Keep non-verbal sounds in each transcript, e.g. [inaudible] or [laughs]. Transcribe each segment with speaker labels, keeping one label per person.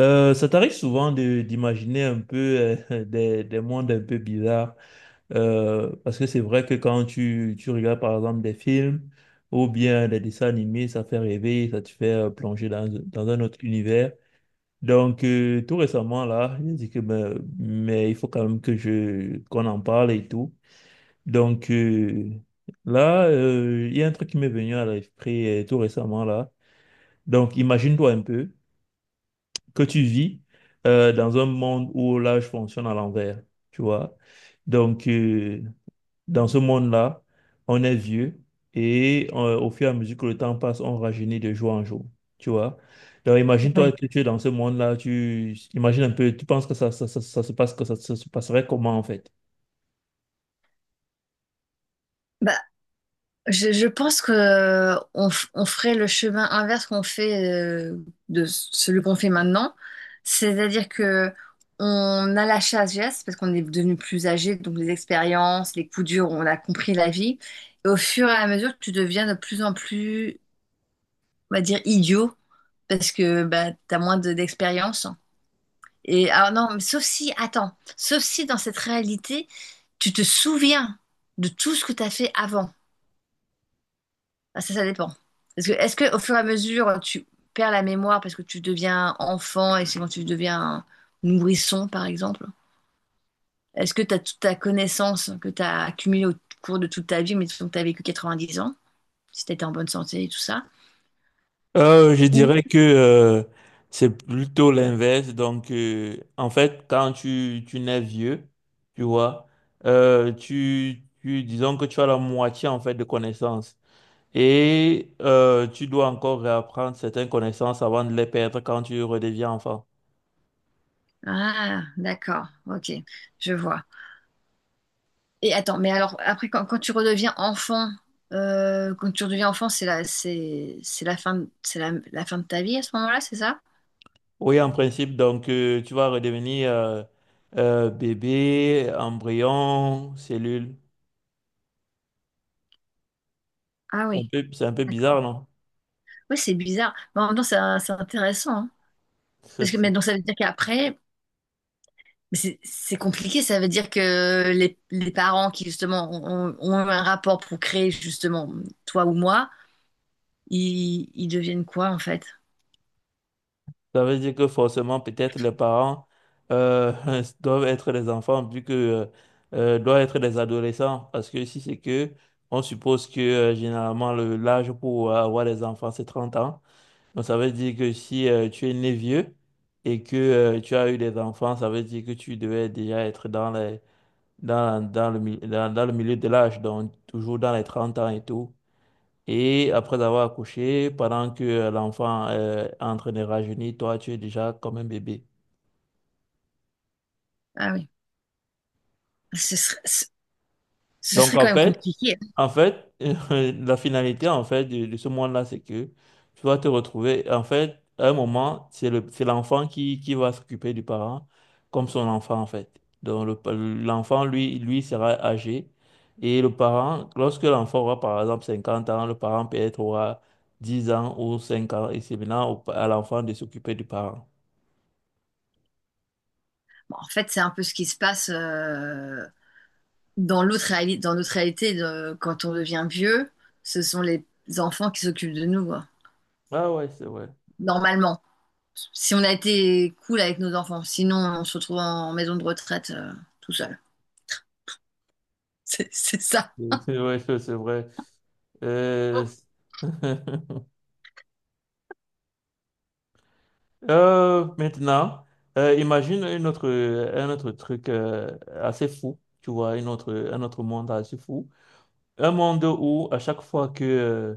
Speaker 1: Ça t'arrive souvent d'imaginer un peu [laughs] des mondes un peu bizarres, parce que c'est vrai que quand tu regardes par exemple des films ou bien des dessins animés, ça fait rêver, ça te fait plonger dans un autre univers. Donc, tout récemment là, j'ai dit que ben, mais il faut quand même que je qu'on en parle et tout. Donc, là, il y a un truc qui m'est venu à l'esprit, tout récemment là. Donc imagine-toi un peu que tu vis dans un monde où là, je fonctionne à l'envers, tu vois. Donc, dans ce monde-là, on est vieux et au fur et à mesure que le temps passe, on rajeunit de jour en jour, tu vois. Donc, imagine-toi
Speaker 2: Oui.
Speaker 1: que tu es dans ce monde-là, tu imagines un peu, tu penses que ça se passe, que ça se passerait comment en fait?
Speaker 2: Bah, je pense que on ferait le chemin inverse qu'on fait euh, de celui qu'on fait maintenant, c'est-à-dire que on a la sagesse parce qu'on est devenu plus âgé, donc les expériences, les coups durs, on a compris la vie, et au fur et à mesure, tu deviens de plus en plus, on va dire, idiot parce que bah, t'as moins d'expérience. Et ah non, mais sauf si, attends, sauf si dans cette réalité, tu te souviens de tout ce que t'as fait avant. Ah, ça dépend. Parce que, est-ce que au fur et à mesure, tu perds la mémoire parce que tu deviens enfant et c'est quand tu deviens un nourrisson, par exemple? Est-ce que tu as toute ta connaissance que tu as accumulée au cours de toute ta vie, mais disons que tu as vécu 90 ans, si tu étais en bonne santé et tout ça?
Speaker 1: Je
Speaker 2: Ou...
Speaker 1: dirais que, c'est plutôt l'inverse. Donc, en fait, quand tu nais vieux, tu vois, disons que tu as la moitié en fait de connaissances et tu dois encore réapprendre certaines connaissances avant de les perdre quand tu redeviens enfant.
Speaker 2: Ah, d'accord, ok, je vois. Et attends, mais alors, après, quand tu redeviens enfant, quand tu redeviens enfant, c'est la fin, c'est la, la fin de ta vie à ce moment-là, c'est ça?
Speaker 1: Oui, en principe, donc tu vas redevenir, bébé, embryon, cellule.
Speaker 2: Ah
Speaker 1: C'est un
Speaker 2: oui,
Speaker 1: peu, c'est un peu
Speaker 2: d'accord.
Speaker 1: bizarre, non?
Speaker 2: Oui, c'est bizarre. Mais en même temps, c'est intéressant, hein. Parce que, mais
Speaker 1: [laughs]
Speaker 2: donc, ça veut dire qu'après, mais c'est compliqué. Ça veut dire que les parents qui, justement, ont un rapport pour créer, justement, toi ou moi, ils deviennent quoi, en fait?
Speaker 1: Ça veut dire que forcément, peut-être les parents, euh, [laughs] doivent être des enfants vu que, doivent être des adolescents. Parce que si c'est que, on suppose que, généralement le l'âge pour avoir des enfants, c'est 30 ans. Donc ça veut dire que si tu es né vieux et que tu as eu des enfants, ça veut dire que tu devais déjà être dans les, dans, dans le, mi- dans, dans le milieu de l'âge, donc toujours dans les 30 ans et tout. Et après avoir accouché, pendant que, l'enfant, est en train de rajeunir, toi, tu es déjà comme un bébé.
Speaker 2: Ah oui. Ce serait, ce ce
Speaker 1: Donc,
Speaker 2: serait
Speaker 1: en
Speaker 2: quand même
Speaker 1: fait,
Speaker 2: compliqué.
Speaker 1: en fait, [laughs] la finalité, en fait, de ce monde-là, c'est que tu vas te retrouver, en fait, à un moment, c'est l'enfant qui va s'occuper du parent comme son enfant, en fait. Donc, l'enfant, lui sera âgé. Et le parent, lorsque l'enfant aura, par exemple, 50 ans, le parent peut-être aura 10 ans ou 5 ans, et c'est maintenant à l'enfant de s'occuper du parent.
Speaker 2: Bon, en fait, c'est un peu ce qui se passe dans notre réalité quand on devient vieux. Ce sont les enfants qui s'occupent de nous, quoi.
Speaker 1: Ah ouais, c'est vrai.
Speaker 2: Normalement, si on a été cool avec nos enfants. Sinon, on se retrouve en maison de retraite, tout seul. [laughs] C'est ça.
Speaker 1: [laughs] C'est vrai, c'est vrai. Euh, [laughs] maintenant, imagine un autre truc, assez fou, tu vois, un autre monde assez fou. Un monde où à chaque fois que, euh,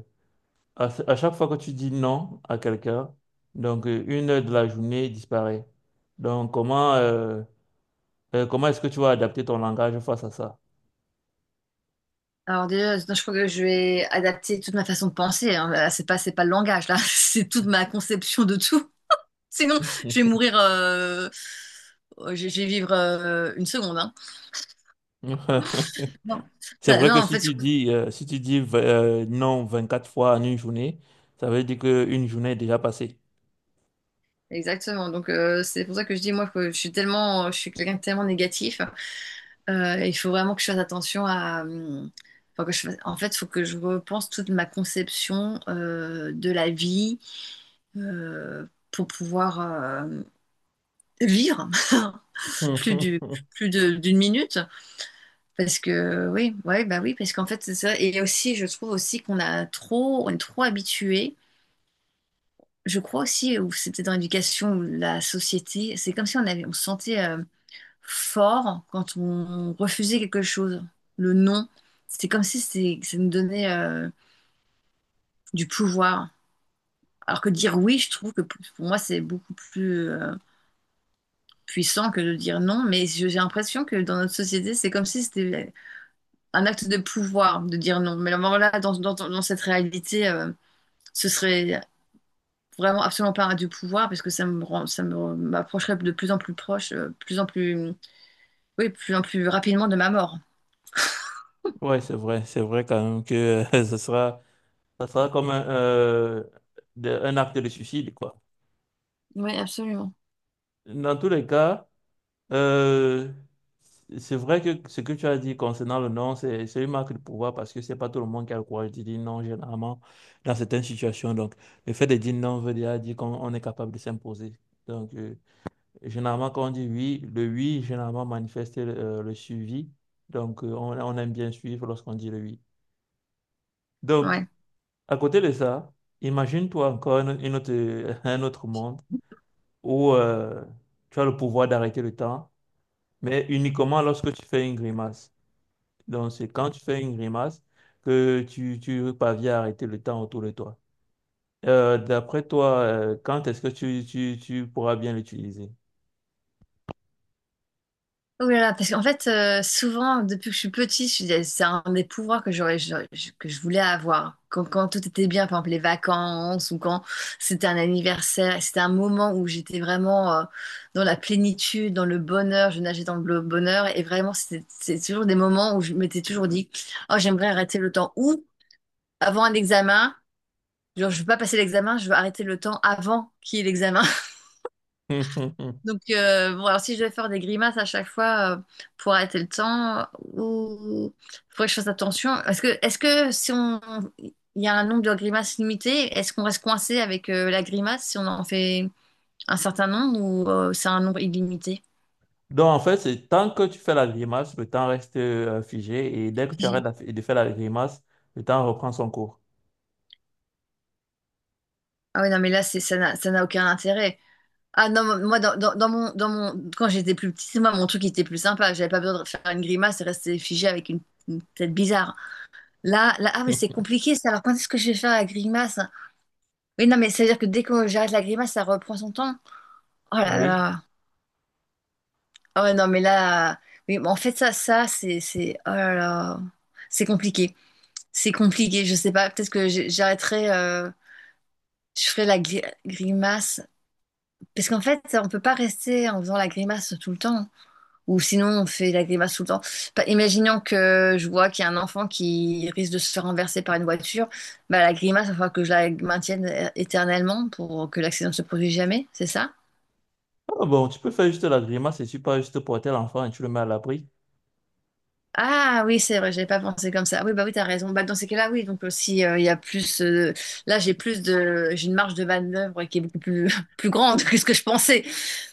Speaker 1: à, à chaque fois que tu dis non à quelqu'un, donc, 1 heure de la journée disparaît. Donc, comment est-ce que tu vas adapter ton langage face à ça?
Speaker 2: Alors déjà, je crois que je vais adapter toute ma façon de penser, hein. Là, c'est pas le langage, là. [laughs] C'est toute ma conception de tout. Sinon, je vais mourir, je vais vivre une seconde, hein. Non.
Speaker 1: [laughs] C'est
Speaker 2: Enfin,
Speaker 1: vrai
Speaker 2: non,
Speaker 1: que
Speaker 2: en
Speaker 1: si
Speaker 2: fait,
Speaker 1: tu dis, euh, si tu dis euh, non quatre fois en une journée, ça veut dire qu'une journée est déjà passée.
Speaker 2: exactement. Donc, c'est pour ça que je dis, moi, que je suis quelqu'un de tellement négatif. Il faut vraiment que je fasse attention à, enfin, en fait, il faut que je repense toute ma conception de la vie, euh, pour pouvoir vivre [laughs] plus du,
Speaker 1: [laughs]
Speaker 2: plus de- d'une minute. Parce que oui, ouais, bah oui, parce qu'en fait, c'est ça. Et aussi, je trouve aussi qu'on est trop habitué. Je crois aussi, ou c'était dans l'éducation ou la société, c'est comme si on se sentait, fort quand on refusait quelque chose. Le non, c'est comme si ça nous donnait, du pouvoir. Alors que dire oui, je trouve que pour moi, c'est beaucoup plus, puissant que de dire non. Mais j'ai l'impression que dans notre société, c'est comme si c'était un acte de pouvoir de dire non. Mais alors là, dans cette réalité, ce serait vraiment absolument pas du pouvoir parce que ça me rend- ça me- m'approcherait de plus en plus proche, plus en plus, oui, plus en plus rapidement de ma mort.
Speaker 1: Ouais, c'est vrai quand même que [laughs] ça sera comme un acte de suicide, quoi.
Speaker 2: Oui, absolument.
Speaker 1: Dans tous les cas, euh, c'est vrai que ce que tu as dit concernant le non, c'est une marque de pouvoir parce que c'est pas tout le monde qui a le courage de dire non, généralement, dans certaines situations. Donc, le fait de dire non veut déjà dire qu'on on est capable de s'imposer. Donc, généralement, quand on dit oui, le oui, généralement manifeste, le suivi. Donc, on aime bien suivre lorsqu'on dit le oui. Donc,
Speaker 2: Ouais.
Speaker 1: à côté de ça, imagine-toi encore [laughs] un autre monde où tu as le pouvoir d'arrêter le temps, mais uniquement lorsque tu fais une grimace. Donc, c'est quand tu fais une grimace que tu parviens à arrêter le temps autour de toi. D'après toi, quand est-ce que tu pourras bien l'utiliser?
Speaker 2: Oh là là, parce qu'en fait, souvent, depuis que je suis petite, je disais, c'est un des pouvoirs que j'aurais, que je voulais avoir. Quand tout était bien, par exemple les vacances ou quand c'était un anniversaire, c'était un moment où j'étais vraiment, dans la plénitude, dans le bonheur, je nageais dans le bonheur et vraiment, c'était c'est toujours des moments où je m'étais toujours dit, oh, j'aimerais arrêter le temps. Ou avant un examen, genre, je veux pas passer l'examen, je veux arrêter le temps avant qu'il y ait l'examen.
Speaker 1: [laughs]
Speaker 2: Donc, bon, alors si je dois faire des grimaces à chaque fois, pour arrêter le temps, ou faudrait que je fasse attention. Est-ce que si on, il y a un nombre de grimaces limité, est-ce qu'on reste coincé avec, la grimace si on en fait un certain nombre ou c'est un nombre illimité?
Speaker 1: Donc, en fait, c'est tant que tu fais la grimace, le temps reste, figé, et dès que tu arrêtes
Speaker 2: J'ai-
Speaker 1: de faire la grimace, le temps reprend son cours.
Speaker 2: Ah oui, non, mais là, ça n'a aucun intérêt. Ah non, moi, quand j'étais plus petite, moi, mon truc était plus sympa. J'avais pas besoin de faire une grimace et rester figé avec une tête bizarre. Là, là, ah oui, c'est
Speaker 1: [laughs]
Speaker 2: compliqué ça. Alors, quand est-ce que je vais faire la grimace, hein? Oui, non, mais c'est-à-dire que dès que j'arrête la grimace, ça reprend son temps. Oh là
Speaker 1: Oui.
Speaker 2: là. Ah ouais, non, mais là. Oui, mais en fait, oh là là. C'est compliqué. C'est compliqué. Je sais pas. Peut-être que j'arrêterai. Je ferai la grimace. Parce qu'en fait, on peut pas rester en faisant la grimace tout le temps. Ou sinon, on fait la grimace tout le temps. Imaginons que je vois qu'il y a un enfant qui risque de se faire renverser par une voiture. Bah, la grimace, il va falloir que je la maintienne éternellement pour que l'accident ne se produise jamais. C'est ça?
Speaker 1: Ah bon, tu peux faire juste la grimace et tu peux juste porter l'enfant et tu le mets à l'abri.
Speaker 2: Ah oui, c'est vrai, j'avais pas pensé comme ça. Ah oui, bah oui, t'as raison. Bah, dans ces cas-là, oui, donc aussi, il y a plus. Là, j'ai plus de. J'ai une marge de manœuvre qui est beaucoup plus, [laughs] plus grande que ce que je pensais.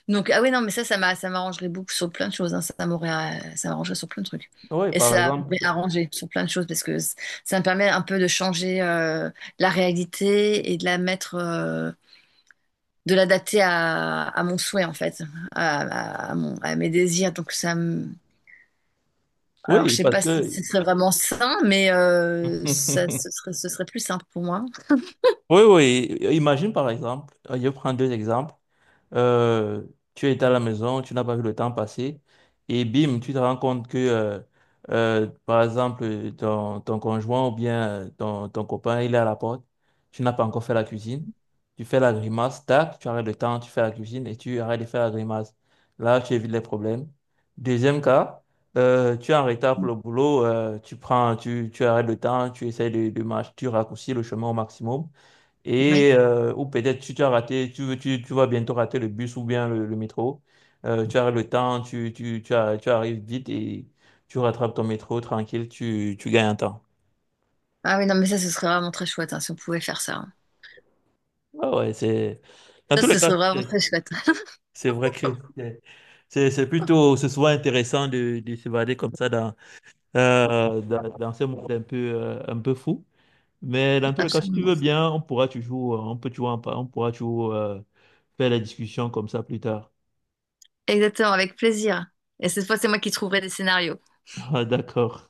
Speaker 2: Donc, ah oui, non, mais ça, ça m'arrangerait beaucoup sur plein de choses, hein. Ça m'arrangerait sur plein de trucs.
Speaker 1: Oui,
Speaker 2: Et
Speaker 1: par
Speaker 2: ça m'aurait
Speaker 1: exemple.
Speaker 2: arrangé sur plein de choses parce que ça me permet un peu de changer, la réalité et de la mettre, de l'adapter à mon souhait, en fait, à mes désirs. Donc, ça me. Alors, je
Speaker 1: Oui,
Speaker 2: sais
Speaker 1: parce
Speaker 2: pas si
Speaker 1: que
Speaker 2: ce serait vraiment sain, mais ça,
Speaker 1: [laughs]
Speaker 2: ce serait, ce serait plus simple pour moi.
Speaker 1: oui, oui. Imagine par exemple, je prends deux exemples. Euh, Tu es à la maison, tu n'as pas vu le temps passer, et bim, tu te rends compte que, par exemple, ton conjoint ou bien, ton copain, il est à la porte, tu n'as pas encore fait la cuisine, tu fais la grimace, tac, tu arrêtes le temps, tu fais la cuisine et tu arrêtes de faire la grimace. Là, tu évites les problèmes. Deuxième cas, tu es en retard pour le boulot, tu arrêtes le temps, tu essaies de marcher, tu raccourcis le chemin au maximum
Speaker 2: Oui.
Speaker 1: et, ou peut-être tu, tu as raté, tu, veux- tu vas bientôt rater le bus ou bien le métro. Tu as le temps, tu arrives vite et tu rattrapes ton métro tranquille, tu gagnes un temps.
Speaker 2: Ah oui, non, mais ça, ce serait vraiment très chouette, hein, si on pouvait faire ça, hein.
Speaker 1: Ah ouais, Dans
Speaker 2: Ça,
Speaker 1: tous les
Speaker 2: ce
Speaker 1: cas,
Speaker 2: serait vraiment très
Speaker 1: c'est
Speaker 2: chouette.
Speaker 1: c'est vrai que c'est c'est souvent intéressant de s'évader comme ça dans ce monde un peu fou. Mais dans
Speaker 2: [laughs]
Speaker 1: tous les cas, si tu veux
Speaker 2: Absolument.
Speaker 1: bien, on pourra toujours, on peut toujours, en par- on pourra toujours, faire la discussion comme ça plus tard.
Speaker 2: Exactement, avec plaisir. Et cette fois, c'est moi qui trouverai des scénarios.
Speaker 1: [laughs] Ah, d'accord.